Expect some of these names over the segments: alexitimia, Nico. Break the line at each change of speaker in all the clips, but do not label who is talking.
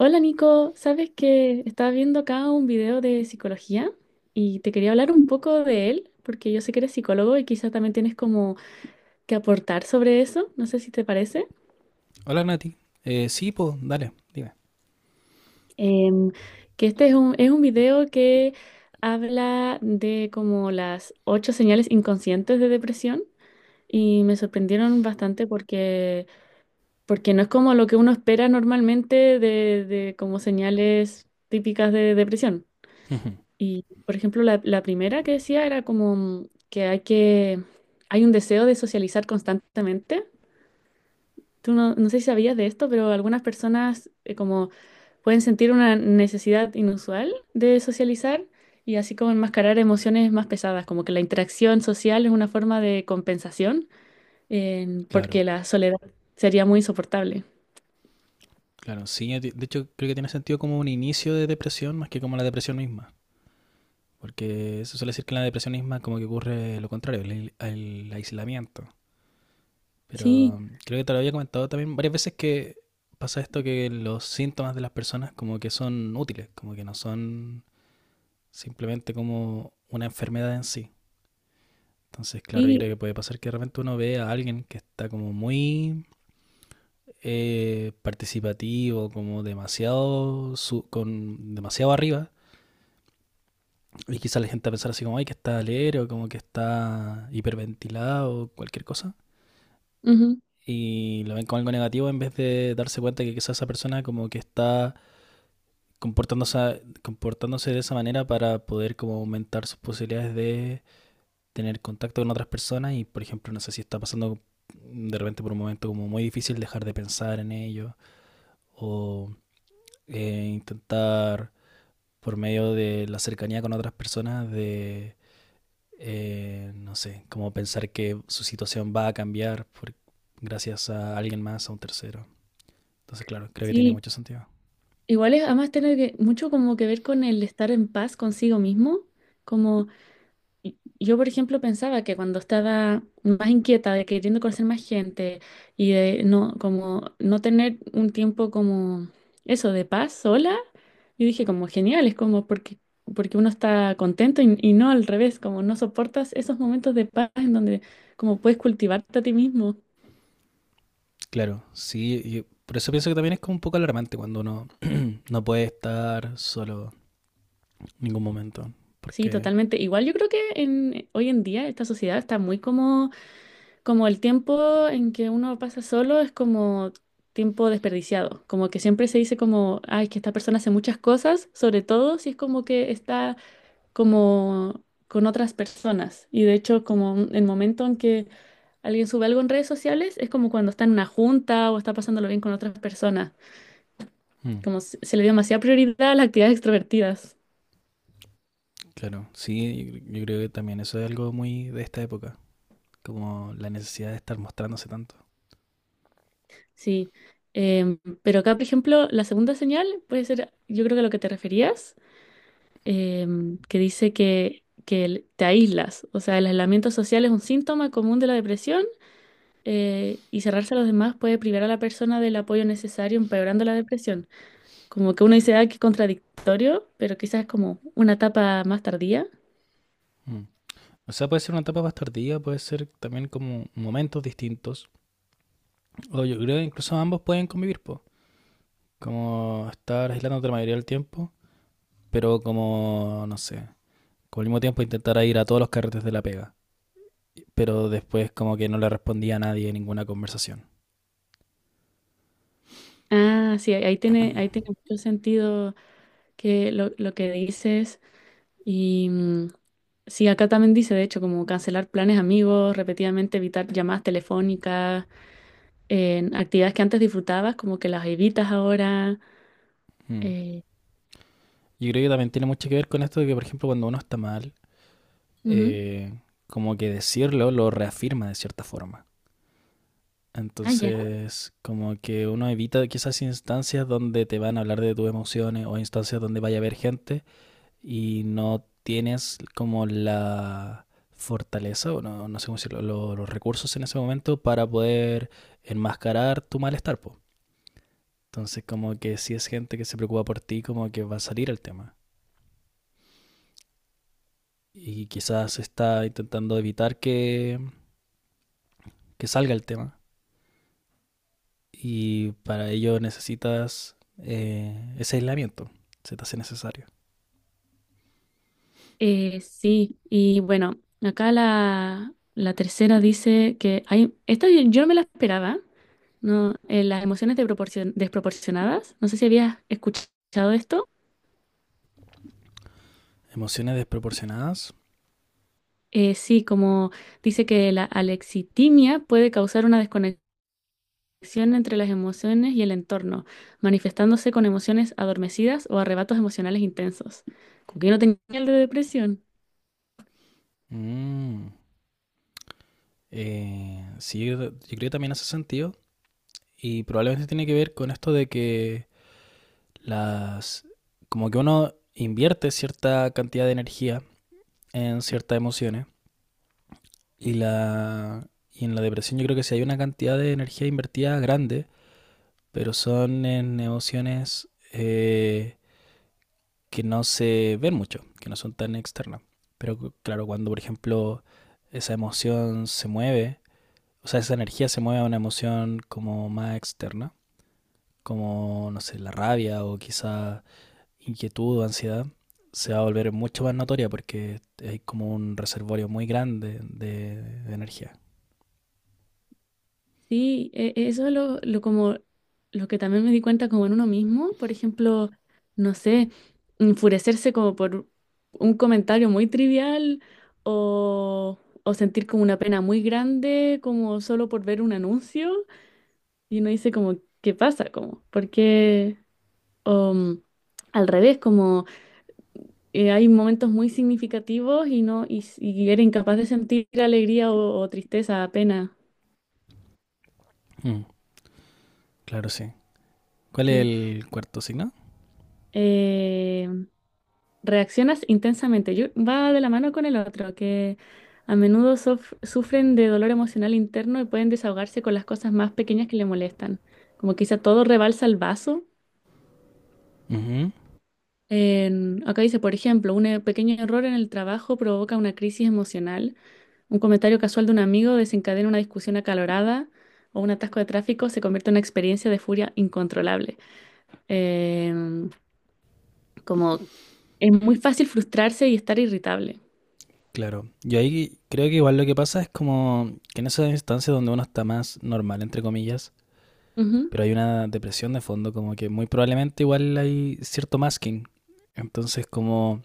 Hola Nico, sabes que estaba viendo acá un video de psicología y te quería hablar un poco de él, porque yo sé que eres psicólogo y quizás también tienes como que aportar sobre eso, no sé si te parece.
Hola Nati. Sí, pues, dale, dime.
Em, que este es un video que habla de como las 8 señales inconscientes de depresión y me sorprendieron bastante porque no es como lo que uno espera normalmente de como señales típicas de depresión.
Ujú.
Y, por ejemplo, la primera que decía era como que hay un deseo de socializar constantemente. Tú no sé si sabías de esto, pero algunas personas como pueden sentir una necesidad inusual de socializar y así como enmascarar emociones más pesadas, como que la interacción social es una forma de compensación, porque
Claro,
la soledad sería muy insoportable.
claro. Sí, de hecho creo que tiene sentido como un inicio de depresión más que como la depresión misma. Porque se suele decir que en la depresión misma como que ocurre lo contrario, el aislamiento. Pero
Sí,
creo que te lo había comentado también varias veces que pasa esto, que los síntomas de las personas como que son útiles, como que no son simplemente como una enfermedad en sí. Entonces, claro, yo
sí,
creo que puede pasar que de repente uno ve a alguien que está como muy participativo, como con demasiado arriba. Y quizá la gente va a pensar así como, ay, que está alero, como que está hiperventilado, cualquier cosa.
ujú,
Y lo ven como algo negativo en vez de darse cuenta que quizá esa persona como que está comportándose de esa manera para poder como aumentar sus posibilidades de tener contacto con otras personas y, por ejemplo, no sé si está pasando de repente por un momento como muy difícil dejar de pensar en ello o intentar por medio de la cercanía con otras personas, de, no sé, como pensar que su situación va a cambiar gracias a alguien más, a un tercero. Entonces, claro, creo que tiene
sí.
mucho sentido.
Igual es además tener que, mucho como que ver con el estar en paz consigo mismo. Como yo, por ejemplo, pensaba que cuando estaba más inquieta de queriendo conocer más gente y de no, como no tener un tiempo como eso, de paz sola, yo dije como genial, es como porque uno está contento y no al revés, como no soportas esos momentos de paz en donde como puedes cultivarte a ti mismo.
Claro, sí, y por eso pienso que también es como un poco alarmante cuando uno no puede estar solo en ningún momento,
Sí,
porque...
totalmente. Igual yo creo que en, hoy en día esta sociedad está muy como. Como el tiempo en que uno pasa solo es como tiempo desperdiciado, como que siempre se dice como, ay, que esta persona hace muchas cosas, sobre todo si es como que está como con otras personas. Y de hecho, como el momento en que alguien sube algo en redes sociales es como cuando está en una junta o está pasándolo bien con otras personas,
mm,
como se le dio demasiada prioridad a las actividades extrovertidas.
claro, sí, yo creo que también eso es algo muy de esta época, como la necesidad de estar mostrándose tanto.
Sí. Pero acá, por ejemplo, la segunda señal puede ser, yo creo que a lo que te referías, que dice que te aíslas. O sea, el aislamiento social es un síntoma común de la depresión, y cerrarse a los demás puede privar a la persona del apoyo necesario, empeorando la depresión. Como que uno dice, ah, qué contradictorio, pero quizás es como una etapa más tardía.
Mm. O sea, puede ser una etapa más tardía, puede ser también como momentos distintos, o yo creo que incluso ambos pueden convivir, po. Como estar aislándote la mayoría del tiempo, pero como, no sé, como al mismo tiempo intentar ir a todos los carretes de la pega. Pero después como que no le respondía a nadie en ninguna conversación.
Ah, sí, ahí tiene mucho sentido lo que dices. Y sí, acá también dice, de hecho, como cancelar planes amigos, repetidamente evitar llamadas telefónicas, en actividades que antes disfrutabas, como que las evitas ahora.
Mm.
eh,
Yo creo que también tiene mucho que ver con esto de que, por ejemplo, cuando uno está mal,
Ujú.
eh, como que decirlo lo reafirma de cierta forma.
Ah, ya.
Entonces, como que uno evita quizás instancias donde te van a hablar de tus emociones o instancias donde vaya a haber gente y no tienes como la fortaleza, o no, no sé cómo decirlo, los recursos en ese momento para poder enmascarar tu malestar, po. Entonces, como que si es gente que se preocupa por ti, como que va a salir el tema. Y quizás está intentando evitar que salga el tema. Y para ello necesitas ese aislamiento, se te hace necesario.
Sí, y bueno, acá la tercera dice que hay, esta yo no me la esperaba, ¿no? Las emociones de desproporcionadas, no sé si habías escuchado esto.
Emociones desproporcionadas.
Sí, como dice que la alexitimia puede causar una desconexión conexión entre las emociones y el entorno, manifestándose con emociones adormecidas o arrebatos emocionales intensos. Como que yo no tenía el de depresión.
Mm. Eh, sí, yo creo que también hace sentido. Y probablemente tiene que ver con esto de que las... como que uno invierte cierta cantidad de energía en ciertas emociones y la... y en la depresión yo creo que sí hay una cantidad de energía invertida grande, pero son en emociones que no se ven mucho, que no son tan externas. Pero claro, cuando por ejemplo esa emoción se mueve, o sea, esa energía se mueve a una emoción como más externa, como, no sé, la rabia o quizá inquietud o ansiedad, se va a volver mucho más notoria porque hay como un reservorio muy grande de energía.
Sí, eso es lo como, lo que también me di cuenta como en uno mismo, por ejemplo, no sé, enfurecerse como por un comentario muy trivial o sentir como una pena muy grande, como solo por ver un anuncio y uno dice como, ¿qué pasa? Como, ¿por qué? O, al revés, como hay momentos muy significativos y no y era incapaz de sentir alegría o tristeza, pena,
Mm, claro, sí. ¿Cuál es
¿sí?
el cuarto signo?
Eh, Reaccionas intensamente. Va de la mano con el otro, que a menudo sufren de dolor emocional interno y pueden desahogarse con las cosas más pequeñas que le molestan. Como quizá todo rebalsa el vaso.
Ujú,
Acá dice, por ejemplo, un pequeño error en el trabajo provoca una crisis emocional. Un comentario casual de un amigo desencadena una discusión acalorada o un atasco de tráfico se convierte en una experiencia de furia incontrolable. Em, Como es muy fácil frustrarse y estar irritable.
claro. Yo ahí creo que igual lo que pasa es como que en esas instancias donde uno está más normal, entre comillas,
Ujú.
pero hay una depresión de fondo, como que muy probablemente igual hay cierto masking. Entonces, como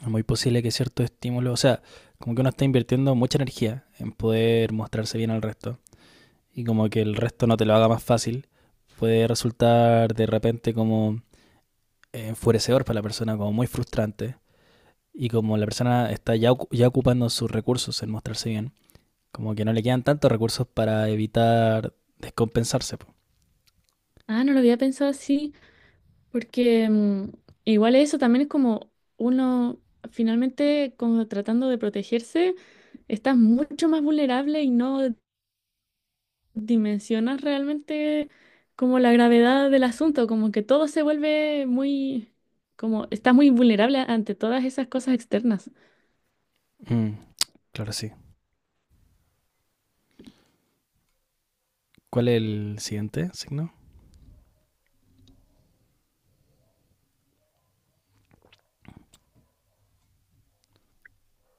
es muy posible que ciertos estímulos, o sea, como que uno está invirtiendo mucha energía en poder mostrarse bien al resto, y como que el resto no te lo haga más fácil, puede resultar de repente como enfurecedor para la persona, como muy frustrante. Y como la persona está ya ocupando sus recursos en mostrarse bien, como que no le quedan tantos recursos para evitar descompensarse.
Ah, no lo había pensado así, porque igual eso también es como uno finalmente como tratando de protegerse, estás mucho más vulnerable y no dimensionas realmente como la gravedad del asunto, como que todo se vuelve muy, como está muy vulnerable ante todas esas cosas externas.
Mm, claro, sí. ¿Cuál es el siguiente signo?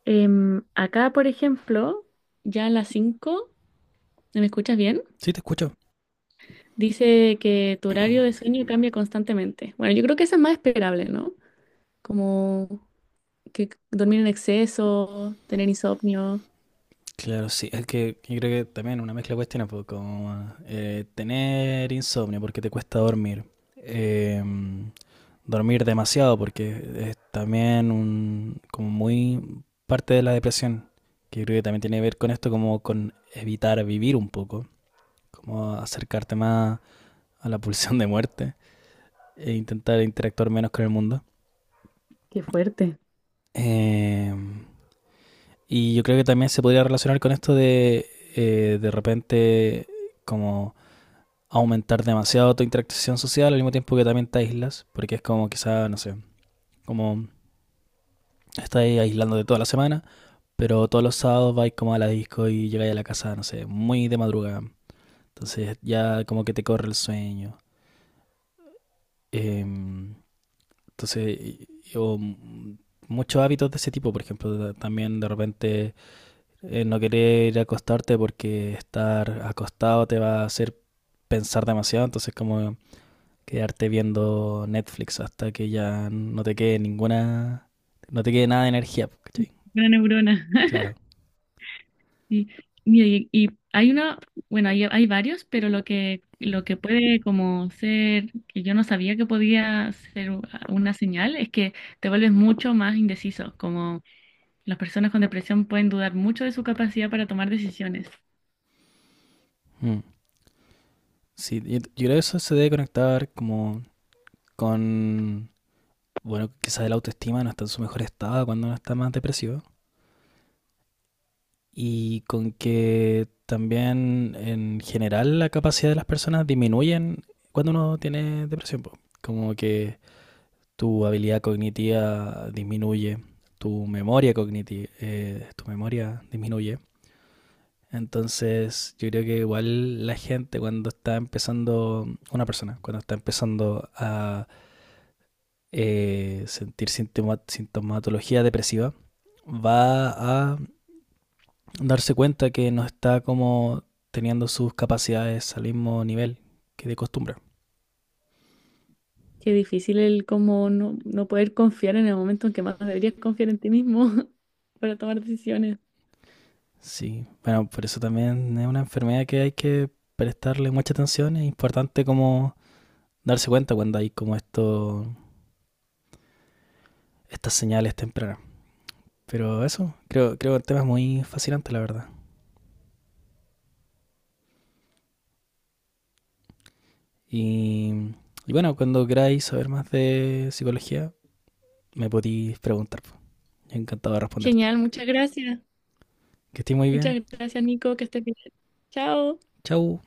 Acá, por ejemplo, ya a las 5, ¿me escuchas bien?
Sí, te escucho.
Dice que tu horario de sueño cambia constantemente. Bueno, yo creo que eso es más esperable, ¿no? Como que dormir en exceso, tener insomnio.
Claro, sí. Es que yo creo que también una mezcla de cuestiones, pues, como tener insomnio porque te cuesta dormir. Eh, Dormir demasiado porque es también un, como muy parte de la depresión, que creo que también tiene que ver con esto, como con evitar vivir un poco, como acercarte más a la pulsión de muerte e intentar interactuar menos con el mundo.
Qué fuerte.
Eh, y yo creo que también se podría relacionar con esto de repente como aumentar demasiado tu interacción social al mismo tiempo que también te aíslas, porque es como quizá, no sé, como estás aislando de toda la semana. Pero todos los sábados vais como a la disco y llegáis a la casa, no sé, muy de madrugada. Entonces ya como que te corre el sueño. Em, entonces, yo muchos hábitos de ese tipo, por ejemplo, también de repente no querer ir a acostarte porque estar acostado te va a hacer pensar demasiado, entonces como quedarte viendo Netflix hasta que ya no te quede no te quede nada de energía, ¿cachai?
Una neurona.
Claro.
Y, mira, y hay una, bueno, hay varios, pero lo lo que puede como ser, que yo no sabía que podía ser una señal, es que te vuelves mucho más indeciso, como las personas con depresión pueden dudar mucho de su capacidad para tomar decisiones.
Mm. Sí, yo creo que eso se debe conectar como con, bueno, quizás la autoestima no está en su mejor estado cuando uno está más depresivo, y con que también en general la capacidad de las personas disminuyen cuando uno tiene depresión, po. Como que tu habilidad cognitiva disminuye, tu memoria cognitiva, tu memoria disminuye. Entonces, yo creo que igual la gente cuando está una persona, cuando está empezando a sentir sintomatología depresiva, va a darse cuenta que no está como teniendo sus capacidades al mismo nivel que de costumbre.
Qué difícil el como no poder confiar en el momento en que más deberías confiar en ti mismo para tomar decisiones.
Sí, bueno, por eso también es una enfermedad que hay que prestarle mucha atención. Es importante como darse cuenta cuando hay como esto, estas señales tempranas. Pero eso, creo que el tema es muy fascinante, la verdad. Y, y bueno, cuando queráis saber más de psicología, me podéis preguntar. Yo encantado de responderte.
Genial, muchas gracias.
Que estéis muy bien.
Muchas gracias, Nico, que estés bien. Chao.
Chau.